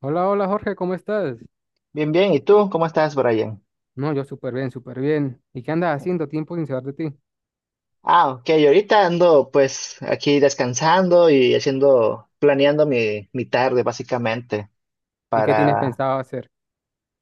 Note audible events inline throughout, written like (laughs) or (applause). Hola, hola Jorge, ¿cómo estás? Bien, bien. ¿Y tú? ¿Cómo estás, Brian? No, yo súper bien, súper bien. ¿Y qué andas haciendo? Tiempo sin saber de ti. Ah, ok. Ahorita ando pues aquí descansando y haciendo, planeando mi tarde básicamente ¿Y qué tienes para, pensado hacer?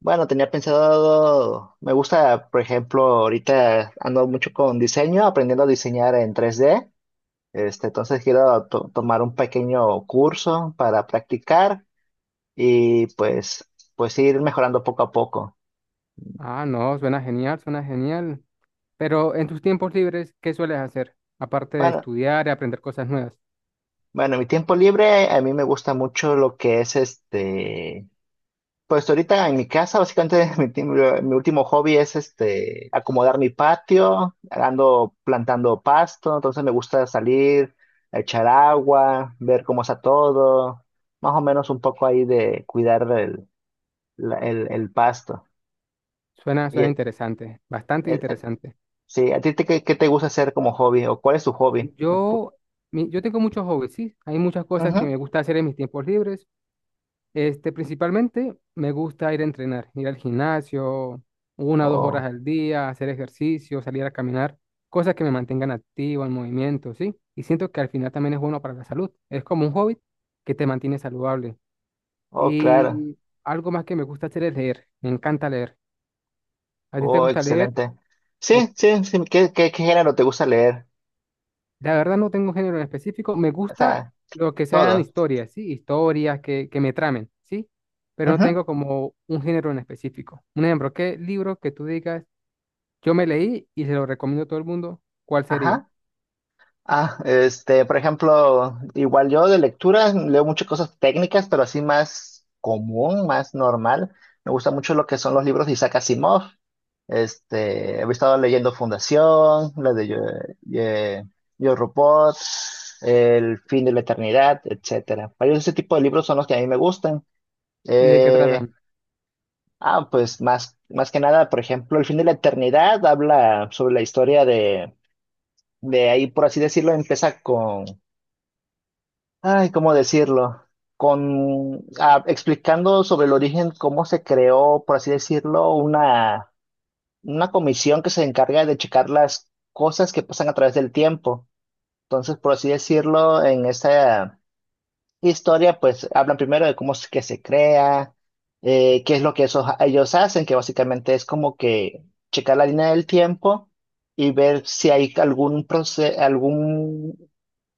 bueno, tenía pensado, me gusta, por ejemplo, ahorita ando mucho con diseño, aprendiendo a diseñar en 3D. Entonces quiero tomar un pequeño curso para practicar y pues ir mejorando poco a poco. Ah, no, suena genial, suena genial. Pero en tus tiempos libres, ¿qué sueles hacer? Aparte de Bueno, estudiar y aprender cosas nuevas. bueno, mi tiempo libre a mí me gusta mucho lo que es pues ahorita en mi casa, básicamente (laughs) mi último hobby es acomodar mi patio, ando plantando pasto, entonces me gusta salir, echar agua, ver cómo está todo, más o menos un poco ahí de cuidar el pasto. Suena, Y, suena interesante, bastante eh, interesante. sí, ¿a ti qué, qué te gusta hacer como hobby o cuál es tu hobby? Yo, yo tengo muchos hobbies, sí. Hay muchas cosas que Ujú. me gusta hacer en mis tiempos libres. Principalmente me gusta ir a entrenar, ir al gimnasio, una o dos horas Oh. al día, hacer ejercicio, salir a caminar, cosas que me mantengan activo, en movimiento, ¿sí? Y siento que al final también es bueno para la salud. Es como un hobby que te mantiene saludable. Oh, claro. Y algo más que me gusta hacer es leer. Me encanta leer. ¿A ti te Oh, gusta leer? excelente. Sí, sí, sí. ¿Qué género te gusta leer? La verdad no tengo un género en específico. Me O gusta sea, lo que sean todo. historias, ¿sí? Historias que me tramen, ¿sí? Pero no Ujú. tengo como un género en específico. Un ejemplo, ¿qué libro que tú digas, yo me leí y se lo recomiendo a todo el mundo? ¿Cuál sería? Ajá. Ah, por ejemplo, igual yo de lectura leo muchas cosas técnicas, pero así más común, más normal. Me gusta mucho lo que son los libros de Isaac Asimov. He estado leyendo Fundación, la de Yo, eh, Yo, Robot, El fin de la eternidad, etcétera. Varios de ese tipo de libros son los que a mí me gustan. ¿Y de qué Eh, tratan? ah, pues más que nada, por ejemplo, El fin de la eternidad habla sobre la historia de ahí, por así decirlo, empieza con. Ay, ¿cómo decirlo? Con, ah, explicando sobre el origen, cómo se creó, por así decirlo, una comisión que se encarga de checar las cosas que pasan a través del tiempo. Entonces, por así decirlo, en esta historia, pues hablan primero de cómo es que se crea, qué es lo que ellos hacen, que básicamente es como que checar la línea del tiempo y ver si hay algún proceso,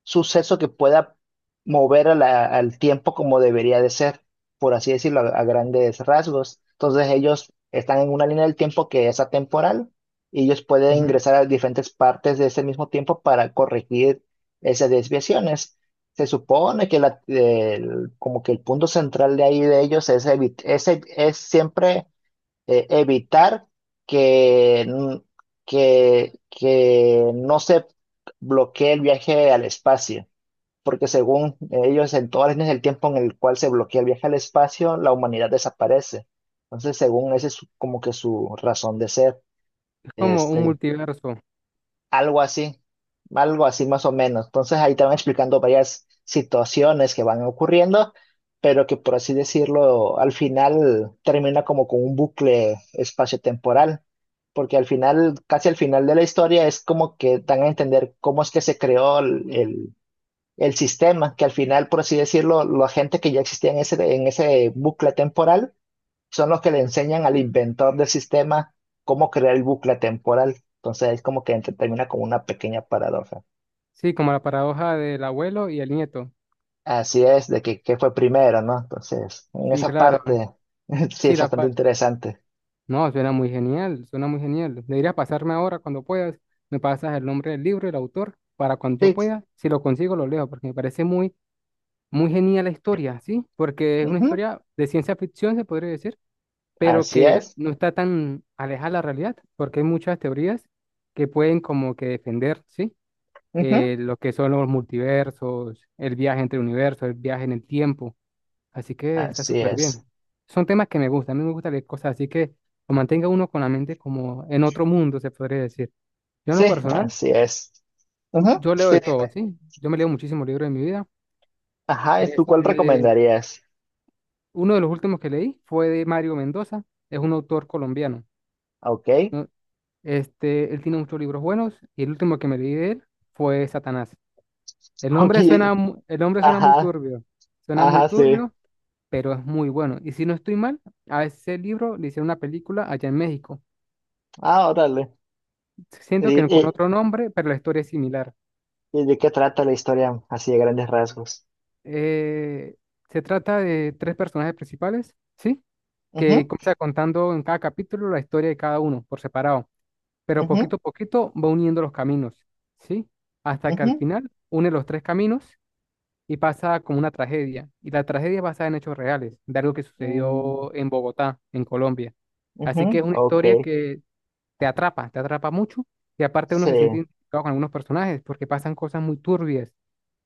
suceso que pueda mover a al tiempo como debería de ser, por así decirlo, a grandes rasgos. Entonces ellos están en una línea del tiempo que es atemporal y ellos pueden Ujú. ingresar a diferentes partes de ese mismo tiempo para corregir esas desviaciones. Se supone que como que el punto central de ahí de ellos es, siempre evitar que, n- que no se bloquee el viaje al espacio, porque según ellos, en todas las líneas del tiempo en el cual se bloquea el viaje al espacio, la humanidad desaparece. Entonces, según ese es como que su razón de ser. Es como un Este, multiverso. algo así, algo así más o menos. Entonces ahí te van explicando varias situaciones que van ocurriendo, pero que por así decirlo, al final termina como con un bucle espacio-temporal, porque al final, casi al final de la historia es como que dan a entender cómo es que se creó el sistema, que al final, por así decirlo, la gente que ya existía en en ese bucle temporal son los que le enseñan al inventor del sistema cómo crear el bucle temporal. Entonces es como que termina con una pequeña paradoja. Sí, como la paradoja del abuelo y el nieto. Así es, de que, qué fue primero, ¿no? Entonces, en Sí, esa claro. parte (laughs) sí Sí, es bastante interesante. no, suena muy genial, suena muy genial. Deberías pasarme ahora cuando puedas. Me pasas el nombre del libro, el autor, para cuando yo Sí, pueda, si lo consigo, lo leo, porque me parece muy, muy genial la historia, ¿sí? Porque es una ujú, historia de ciencia ficción, se podría decir, pero así que es, no está tan alejada de la realidad, porque hay muchas teorías que pueden como que defender, ¿sí? ujú, Lo que son los multiversos, el viaje entre universos, el viaje en el tiempo. Así que está así súper es. bien. Son temas que me gustan, a mí me gusta leer cosas, así que lo mantenga uno con la mente como en otro mundo, se podría decir. Yo en lo Sí, personal, así es. Ujú, yo leo sí, de todo, dime. ¿sí? Yo me leo muchísimos libros en mi vida. Ajá, ¿tú cuál Este, recomendarías? uno de los últimos que leí fue de Mario Mendoza, es un autor colombiano. Ok. Él tiene muchos libros buenos y el último que me leí de él fue Satanás. El (laughs) Ok, nombre suena, el nombre ajá, suena muy ajá, sí. turbio, pero es muy bueno. Y si no estoy mal, a ese libro le hicieron una película allá en México. Ah, órale. Siento ¿Y, que con otro nombre, pero la historia es similar. y de qué trata la historia así de grandes rasgos? Eh, se trata de tres personajes principales, ¿sí? Que Ujú, comienza contando en cada capítulo la historia de cada uno por separado, pero poquito ujú, a poquito va uniendo los caminos, ¿sí? Hasta que al ujú, final une los tres caminos y pasa como una tragedia. Y la tragedia es basada en hechos reales, de algo que mm, sucedió en Bogotá, en Colombia. ujú, Así que es una ok, historia que te atrapa mucho y aparte uno sí, se siente identificado con algunos personajes porque pasan cosas muy turbias,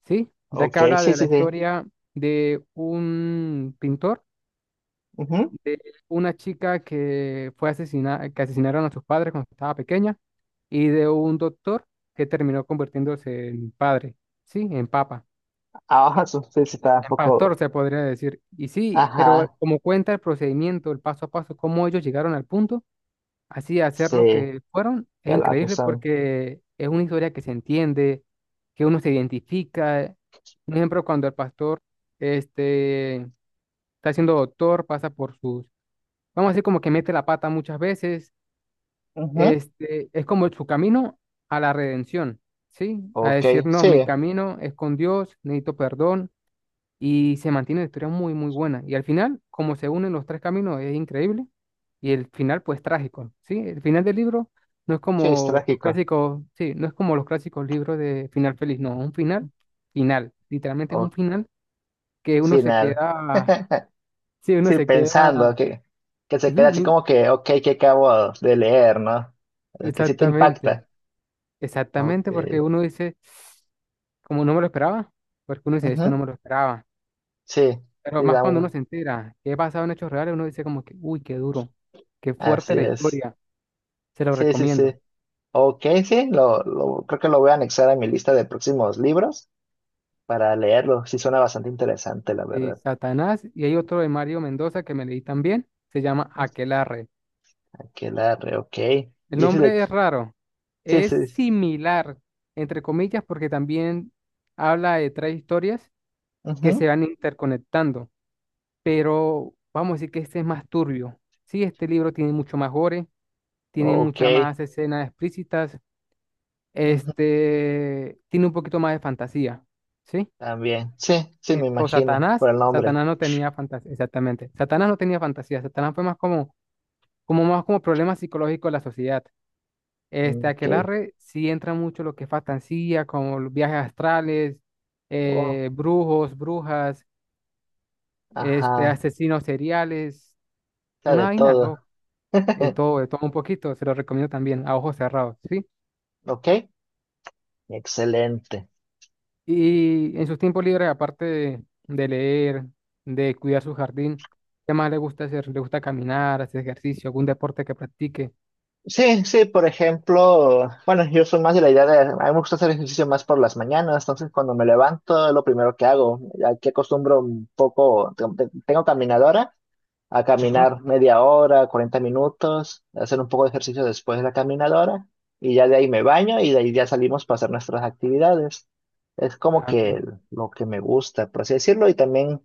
¿sí? Ya ok, que habla sí, de la sí, sí, historia de un pintor, ujú. de una chica que fue asesinada, que asesinaron a sus padres cuando estaba pequeña y de un doctor que terminó convirtiéndose en padre, ¿sí? En papa. Ahora sí. (laughs) Sí, sí, está un En pastor poco, se podría decir. Y sí, pero ajá, como cuenta el procedimiento, el paso a paso, cómo ellos llegaron al punto así hacer lo sí, que fueron es claro que increíble son, porque es una historia que se entiende, que uno se identifica. Un ejemplo, cuando el pastor este, está siendo doctor, pasa por sus, vamos a decir, como que mete la pata muchas veces, ujú, es como su camino a la redención, ¿sí? A decir, ok, no, mi sí, camino es con Dios, necesito perdón y se mantiene una historia muy, muy buena. Y al final, como se unen los tres caminos, es increíble. Y el final, pues, trágico, ¿sí? El final del libro no es sí, es como los trágico, clásicos, sí, no es como los clásicos libros de final feliz, no, es un final final. Literalmente es un o final que uno se final, queda, (laughs) sí, uno sí, se pensando queda, que, se ujú, queda así como que, ok, que acabo de leer, ¿no? Que sí te exactamente, impacta, ok, exactamente, porque uno dice, como no me lo esperaba, porque uno dice, esto no ujú, me lo esperaba. sí, Pero sí, más da cuando uno uno, se entera que es basado en hechos reales, uno dice como que, uy, qué duro, qué así fuerte la es, historia, se lo sí, sí, sí. recomiendo. Ok, sí, creo que lo voy a anexar a mi lista de próximos libros para leerlo. Sí, suena bastante interesante, la verdad. Satanás y hay otro de Mario Mendoza que me leí también, se llama Aquelarre. Aquelarre, ok. El Y ese de. nombre es raro, Sí, es sí. Sí. similar, entre comillas, porque también habla de tres historias que Ujú. se van interconectando, pero vamos a decir que este es más turbio. Sí, este libro tiene mucho más gore, tiene Ok. muchas más escenas explícitas, Ujú. Tiene un poquito más de fantasía, ¿sí? También. Sí, sí, Sí, me pues imagino, Satanás, por el nombre. Satanás no tenía fantasía, exactamente. Satanás no tenía fantasía, Satanás fue más como, como más como problema psicológico de la sociedad. Ok. Aquelarre sí entra mucho lo que es fantasía, como los viajes astrales, Oh, brujos, brujas, ajá. asesinos seriales, Está una de vaina todo. loca, (laughs) de todo un poquito, se lo recomiendo también, a ojos cerrados, ¿sí? Ok, excelente. Y en sus tiempos libres, aparte de leer, de cuidar su jardín, ¿qué más le gusta hacer? ¿Le gusta caminar, hacer ejercicio, algún deporte que practique? Sí, sí, por ejemplo, bueno, yo soy más de la idea de, a mí me gusta hacer ejercicio más por las mañanas, entonces cuando me levanto es lo primero que hago, aquí acostumbro un poco, tengo caminadora, a Ajá. caminar media hora, 40 minutos, hacer un poco de ejercicio después de la caminadora y ya de ahí me baño y de ahí ya salimos para hacer nuestras actividades. Es como Ah, que lo que me gusta, por así decirlo, y también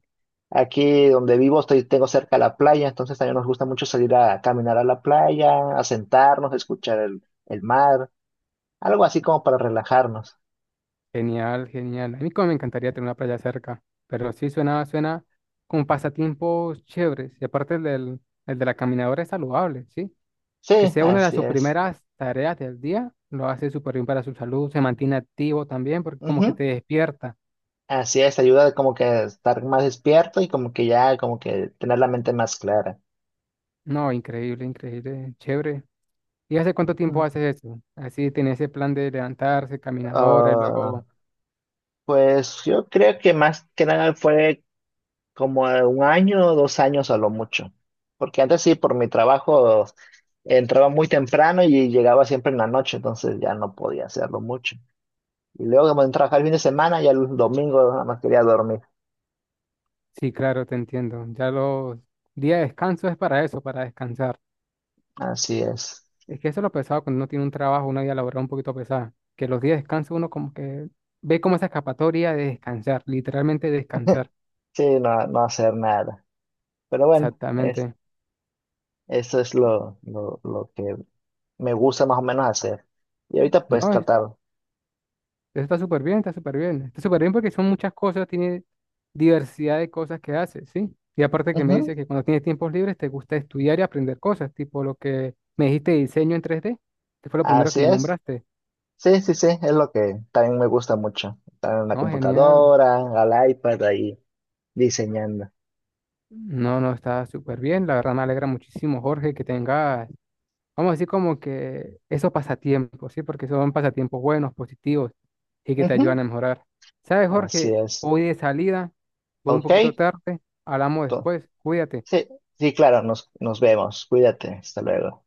aquí donde vivo estoy, tengo cerca la playa, entonces también nos gusta mucho salir a caminar a la playa, a sentarnos, a escuchar el mar, algo así como para relajarnos. genial, genial. A mí como me encantaría tener una playa cerca, pero sí suena, suena con pasatiempos chéveres. Y aparte el de la caminadora es saludable, ¿sí? Que Sí, sea una de así sus es. primeras tareas del día, lo hace súper bien para su salud, se mantiene activo también, porque como que Ujú. te despierta. Así es, ayuda como que a estar más despierto y como que ya, como que tener la mente más clara. No, increíble, increíble, chévere. ¿Y hace cuánto Mm. tiempo haces eso? Así tenés ese plan de levantarse, caminadora y Ah, luego... pues yo creo que más que nada fue como un año o 2 años a lo mucho, porque antes sí, por mi trabajo entraba muy temprano y llegaba siempre en la noche, entonces ya no podía hacerlo mucho. Y luego como en trabajar el fin de semana, ya el domingo nada más quería dormir. Sí, claro, te entiendo. Ya los días de descanso es para eso, para descansar. Así es. Es que eso es lo pesado cuando uno tiene un trabajo, una vida laboral un poquito pesada. Que los días de descanso uno como que ve como esa escapatoria de descansar, literalmente descansar. Sí, no, no hacer nada. Pero bueno, es, Exactamente. eso es lo que me gusta más o menos hacer. Y ahorita pues No, tratar. eso está súper bien, está súper bien. Está súper bien porque son muchas cosas, tiene diversidad de cosas que haces, ¿sí? Y aparte que me dice Ujú. que cuando tienes tiempos libres te gusta estudiar y aprender cosas, tipo lo que me dijiste de diseño en 3D, que fue lo primero Así que me es. nombraste. Sí, sí, sí, es lo que también me gusta mucho. Estar en la No, genial. computadora, al iPad ahí diseñando. No, no, está súper bien. La verdad me alegra muchísimo, Jorge, que tengas, vamos a decir como que esos pasatiempos, ¿sí? Porque son pasatiempos buenos, positivos y que te Ujú. ayudan a mejorar. ¿Sabes, Así Jorge? es. Hoy de salida, voy un Ok. poquito tarde, hablamos to- después, cuídate. Sí, sí, claro, nos vemos. Cuídate. Hasta luego.